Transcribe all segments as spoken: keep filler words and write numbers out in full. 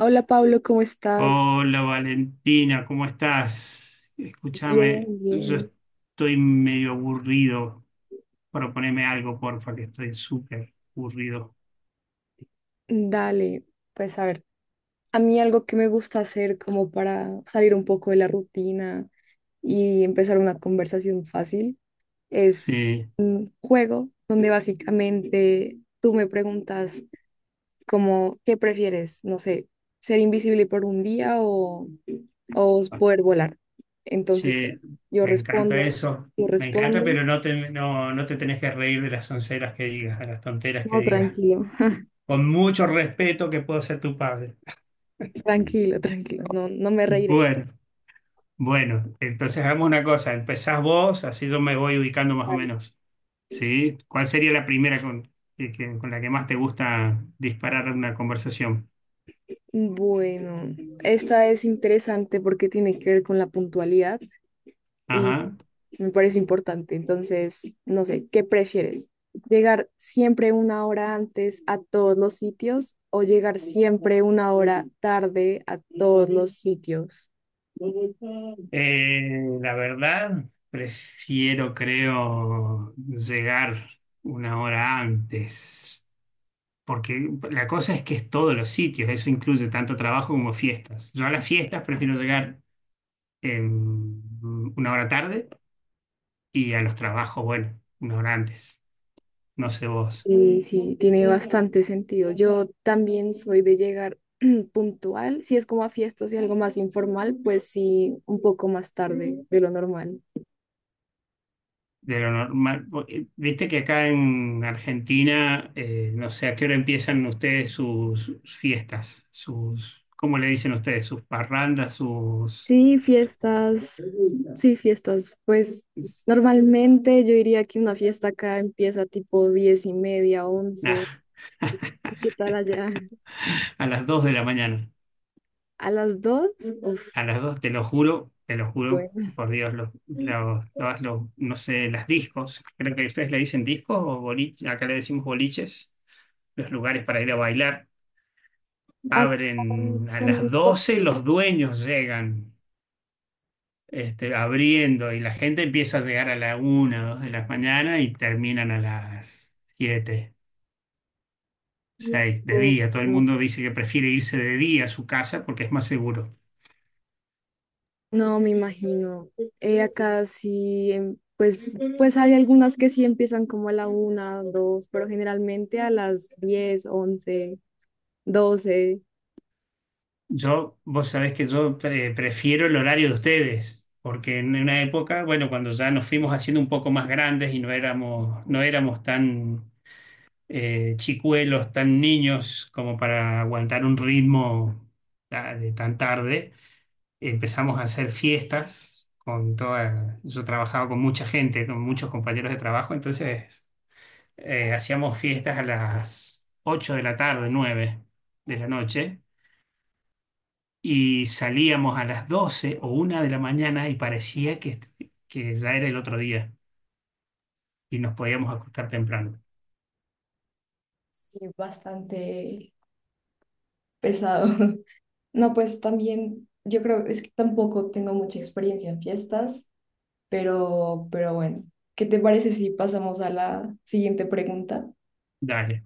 Hola Pablo, ¿cómo estás? Hola Valentina, ¿cómo estás? Bien, Escúchame, yo bien. estoy medio aburrido. Proponeme algo, porfa, que estoy súper aburrido. Dale, pues a ver, a mí algo que me gusta hacer como para salir un poco de la rutina y empezar una conversación fácil es Sí, un juego donde básicamente tú me preguntas como, ¿qué prefieres? No sé, ser invisible por un día o, o poder volar. Entonces sí, yo me encanta respondo, eso. yo Me encanta, respondo. pero no te, no, no te tenés que reír de las onceras que digas, de las tonteras que No, digas. tranquilo. Con mucho respeto que puedo ser tu padre. Tranquilo, tranquilo, no, no me reiré. Bueno, bueno, entonces hagamos una cosa. Empezás vos, así yo me voy ubicando más o menos. ¿Sí? ¿Cuál sería la primera con, que- que- con la que más te gusta disparar una conversación? Bueno, esta es interesante porque tiene que ver con la puntualidad y Ajá. me parece importante. Entonces, no sé, ¿qué prefieres? ¿Llegar siempre una hora antes a todos los sitios o llegar siempre una hora tarde a todos los sitios? Eh, la verdad, prefiero, creo, llegar una hora antes, porque la cosa es que es todos los sitios, eso incluye tanto trabajo como fiestas. Yo a las fiestas prefiero llegar em, una hora tarde y a los trabajos, bueno, una hora antes. No sé vos. Sí, sí, tiene bastante sentido. Yo también soy de llegar puntual. Si es como a fiestas y algo más informal, pues sí, un poco más tarde de lo normal. De lo normal. Viste que acá en Argentina, eh, no sé a qué hora empiezan ustedes sus, sus fiestas, sus, ¿cómo le dicen ustedes? Sus parrandas, sus... Sí, fiestas, sí, fiestas. Pues normalmente yo diría que una fiesta acá empieza tipo diez y media, Nah. once. ¿Y qué tal allá? A las dos de la mañana. ¿A las dos? Uf, A las dos te lo juro, te lo juro, bueno. por Dios, los, los- todas los- no sé, las discos. Creo que ustedes le dicen discos o boliches, acá le decimos boliches, los lugares para ir a bailar. Acá Abren a son las doce, discotecas. los dueños llegan este, abriendo, y la gente empieza a llegar a la una, dos de la mañana y terminan a las siete seis de Uf, día. Todo el no, mundo dice que prefiere irse de día a su casa porque es más seguro. no me imagino. Eh, acá sí, em, pues, pues hay algunas que sí empiezan como a la una, dos, pero generalmente a las diez, once, doce. Yo, vos sabés que yo pre- prefiero el horario de ustedes, porque en una época, bueno, cuando ya nos fuimos haciendo un poco más grandes y no éramos, no éramos tan eh, chicuelos, tan niños como para aguantar un ritmo, ah, de tan tarde empezamos a hacer fiestas con toda, Yo trabajaba con mucha gente, con muchos compañeros de trabajo, entonces eh, hacíamos fiestas a las ocho de la tarde, nueve de la noche, y salíamos a las doce o una de la mañana y parecía que, que ya era el otro día y nos podíamos acostar temprano. Sí, bastante pesado. No, pues también, yo creo, es que tampoco tengo mucha experiencia en fiestas, pero, pero bueno, ¿qué te parece si pasamos a la siguiente pregunta? Dale,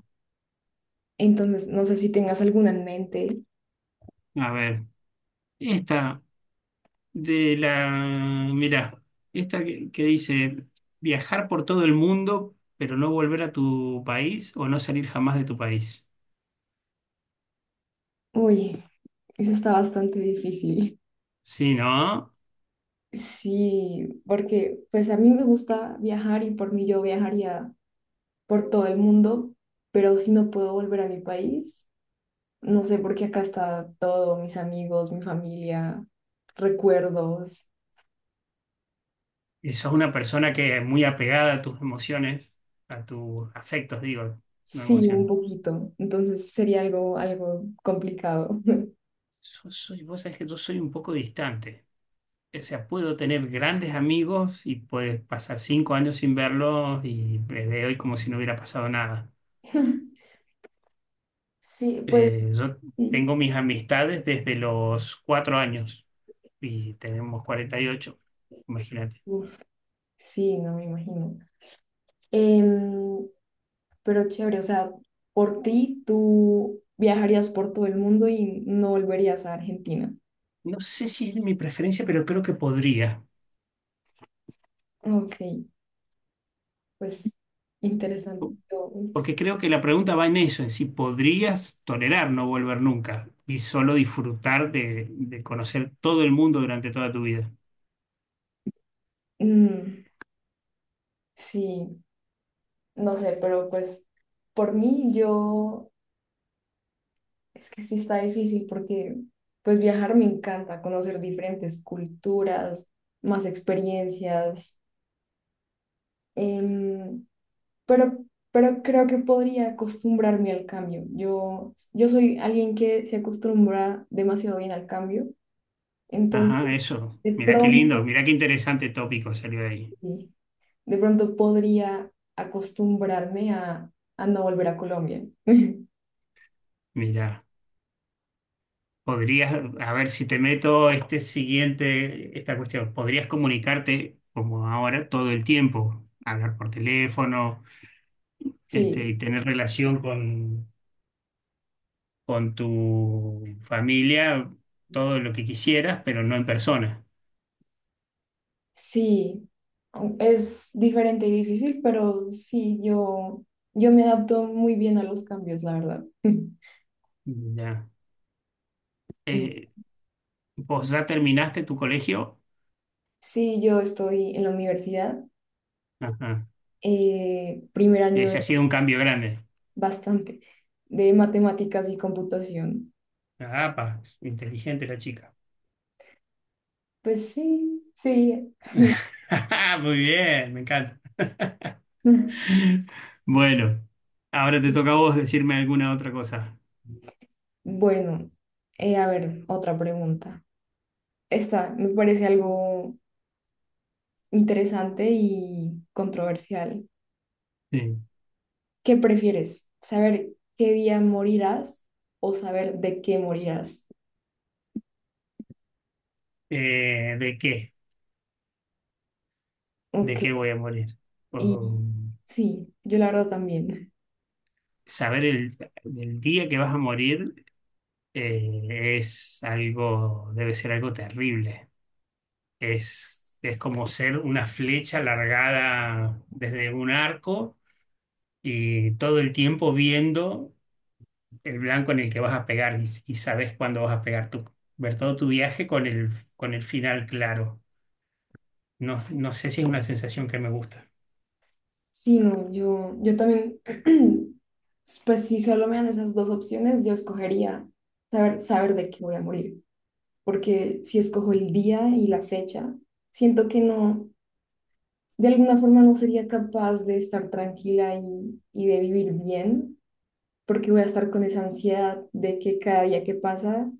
Entonces, no sé si tengas alguna en mente. a ver, esta de la, mirá, esta que, que dice viajar por todo el mundo, pero no volver a tu país o no salir jamás de tu país. Uy, eso está bastante difícil. Sí, ¿no? Sí, porque pues a mí me gusta viajar y por mí yo viajaría por todo el mundo, pero si no puedo volver a mi país, no sé, porque acá está todo, mis amigos, mi familia, recuerdos. Eso es una persona que es muy apegada a tus emociones, a tus afectos, digo, no Sí, un emociones. poquito. Entonces sería algo, algo complicado. Yo soy, vos sabés que yo soy un poco distante. O sea, puedo tener grandes amigos y puedes pasar cinco años sin verlos y les veo hoy como si no hubiera pasado nada. Sí, pues Eh, yo tengo sí. mis amistades desde los cuatro años, y tenemos cuarenta y ocho, imagínate. Uf, sí, no me imagino. Em, pero chévere, o sea, por ti tú viajarías por todo el mundo y no volverías a Argentina. No sé si es mi preferencia, pero creo que podría, Ok, pues interesante. Yo, porque creo que la pregunta va en eso, en si podrías tolerar no volver nunca y solo disfrutar de, de conocer todo el mundo durante toda tu vida. mm, sí, no sé, pero pues por mí yo es que sí está difícil porque pues viajar me encanta, conocer diferentes culturas, más experiencias, em, pero, pero creo que podría acostumbrarme al cambio. Yo, yo soy alguien que se acostumbra demasiado bien al cambio, entonces Ajá, eso. de Mirá qué lindo, pronto, mirá qué interesante tópico salió de ahí. sí, de pronto podría acostumbrarme a, a no volver a Colombia. Mirá, podrías, a ver si te meto este siguiente, esta cuestión, podrías comunicarte como ahora todo el tiempo, hablar por teléfono, este, y Sí. tener relación con, con tu familia, todo lo que quisieras, pero no en persona. Sí, es diferente y difícil, pero sí, yo, yo me adapto muy bien a los cambios, la verdad. Ya. Eh, ¿Vos ya terminaste tu colegio? Sí, yo estoy en la universidad, Ajá. eh, primer año de- Ese ha sido un cambio grande. bastante de matemáticas y computación. Ah, pa, es inteligente la chica. Pues sí, sí. Muy bien, me encanta. Bueno, ahora te toca a vos decirme alguna otra cosa. Bueno, eh, a ver, otra pregunta. Esta me parece algo interesante y controversial. Sí. ¿Qué prefieres? ¿Saber qué día morirás o saber de qué morirás? Eh, ¿de qué? ¿De Ok, qué voy a morir? O y sí, yo la verdad también. saber el, del día que vas a morir, eh, es algo, debe ser algo terrible. Es, es como ser una flecha largada desde un arco y todo el tiempo viendo el blanco en el que vas a pegar y, y sabes cuándo vas a pegar tú. Ver todo tu viaje con el, con el final claro. No, no sé si es una sensación que me gusta. Sí, no, yo, yo también, pues si solo me dan esas dos opciones, yo escogería saber, saber de qué voy a morir, porque si escojo el día y la fecha, siento que no, de alguna forma no sería capaz de estar tranquila y, y de vivir bien porque voy a estar con esa ansiedad de que cada día que pasa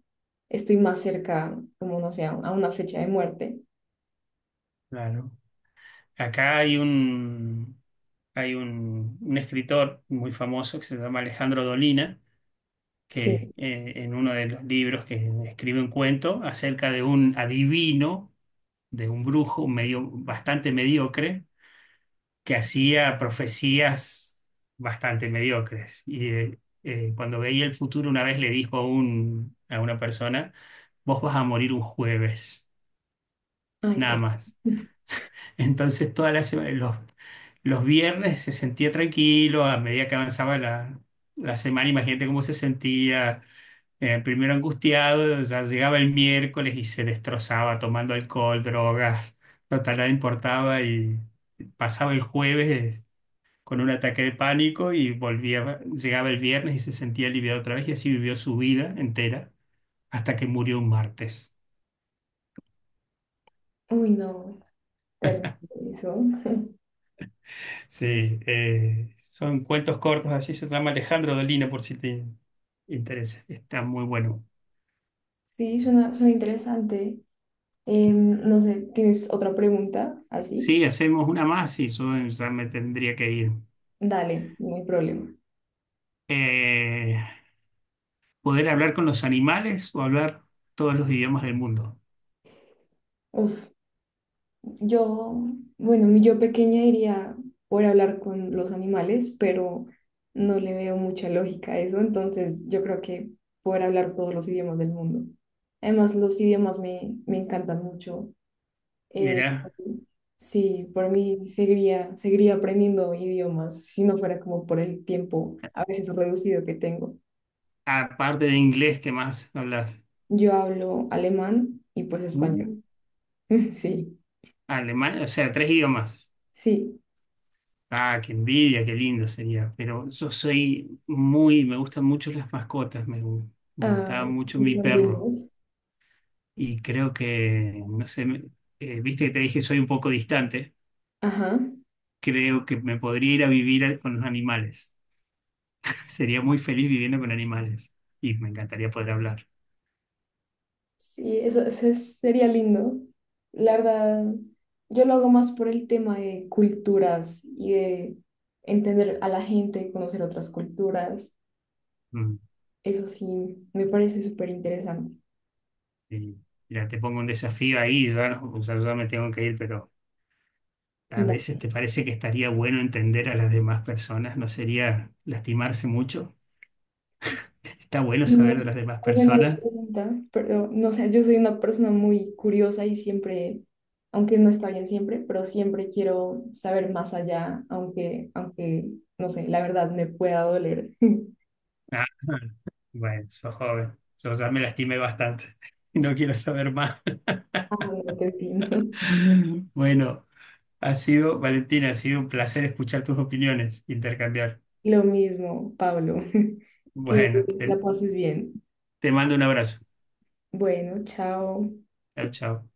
estoy más cerca, como no sé, a a una fecha de muerte. Claro. Acá hay un, hay un, un escritor muy famoso que se llama Alejandro Dolina Sí, que, eh, en uno de los libros, que escribe un cuento acerca de un adivino, de un brujo medio, bastante mediocre, que hacía profecías bastante mediocres. Y eh, eh, cuando veía el futuro, una vez le dijo a, un- a una persona: vos vas a morir un jueves, ay, nada terrible. más. Entonces, todas las sema- los, los viernes se sentía tranquilo; a medida que avanzaba la, la semana, imagínate cómo se sentía, eh, primero angustiado, ya llegaba el miércoles y se destrozaba tomando alcohol, drogas, total, nada importaba, y pasaba el jueves, eh, con un ataque de pánico, y volvía, llegaba el viernes y se sentía aliviado otra vez, y así vivió su vida entera hasta que murió un martes. Uy, no, terrible eso. Sí, eh, son cuentos cortos, así se llama Alejandro Dolina, por si te interesa, está muy bueno. Sí, suena, suena interesante. Em, no sé, ¿tienes otra pregunta así? Sí, hacemos una más y yo ya me tendría que ir. Dale, no hay problema. Eh, Poder hablar con los animales o hablar todos los idiomas del mundo. Uf. Yo, bueno, mi yo pequeña iría por hablar con los animales, pero no le veo mucha lógica a eso, entonces yo creo que poder hablar todos los idiomas del mundo. Además, los idiomas me, me encantan mucho. Eh, Mirá, sí, por mí seguiría, seguiría aprendiendo idiomas si no fuera como por el tiempo a veces reducido que tengo. aparte de inglés, ¿qué más hablas? Yo hablo alemán y pues español. Uh, Sí, Alemán, o sea, tres idiomas. sí. Ah, qué envidia, qué lindo sería. Pero yo soy muy, me gustan mucho las mascotas, me, gu- me Ah, gustaba mucho y mi también perro. inglés. Y creo que, no sé, me- eh, viste que te dije soy un poco distante, Ajá. creo que me podría ir a vivir a- con los animales. Sería muy feliz viviendo con animales y me encantaría poder hablar. Sí, eso, eso es- sería lindo. La verdad, yo lo hago más por el tema de culturas y de entender a la gente, conocer otras culturas. Mm. Eso sí, me parece súper interesante. Sí, ya te pongo un desafío ahí, ya, no- o sea, ya me tengo que ir, pero a Da- veces te parece que estaría bueno entender a las demás personas, no sería lastimarse mucho. Está bueno saber No, de las demás alguna otra personas. pregunta, pero no sé, yo soy una persona muy curiosa y siempre, aunque no está bien siempre, pero siempre quiero saber más allá, aunque, aunque, no sé, la verdad me pueda doler. Ah, bueno, sos joven, yo ya me lastimé bastante y no quiero saber más. Ah, no, qué fino. Bueno, ha sido, Valentina, ha sido un placer escuchar tus opiniones, intercambiar. Lo mismo, Pablo, que Bueno, la te, pases bien. te mando un abrazo. Bueno, chao. Chao, chao.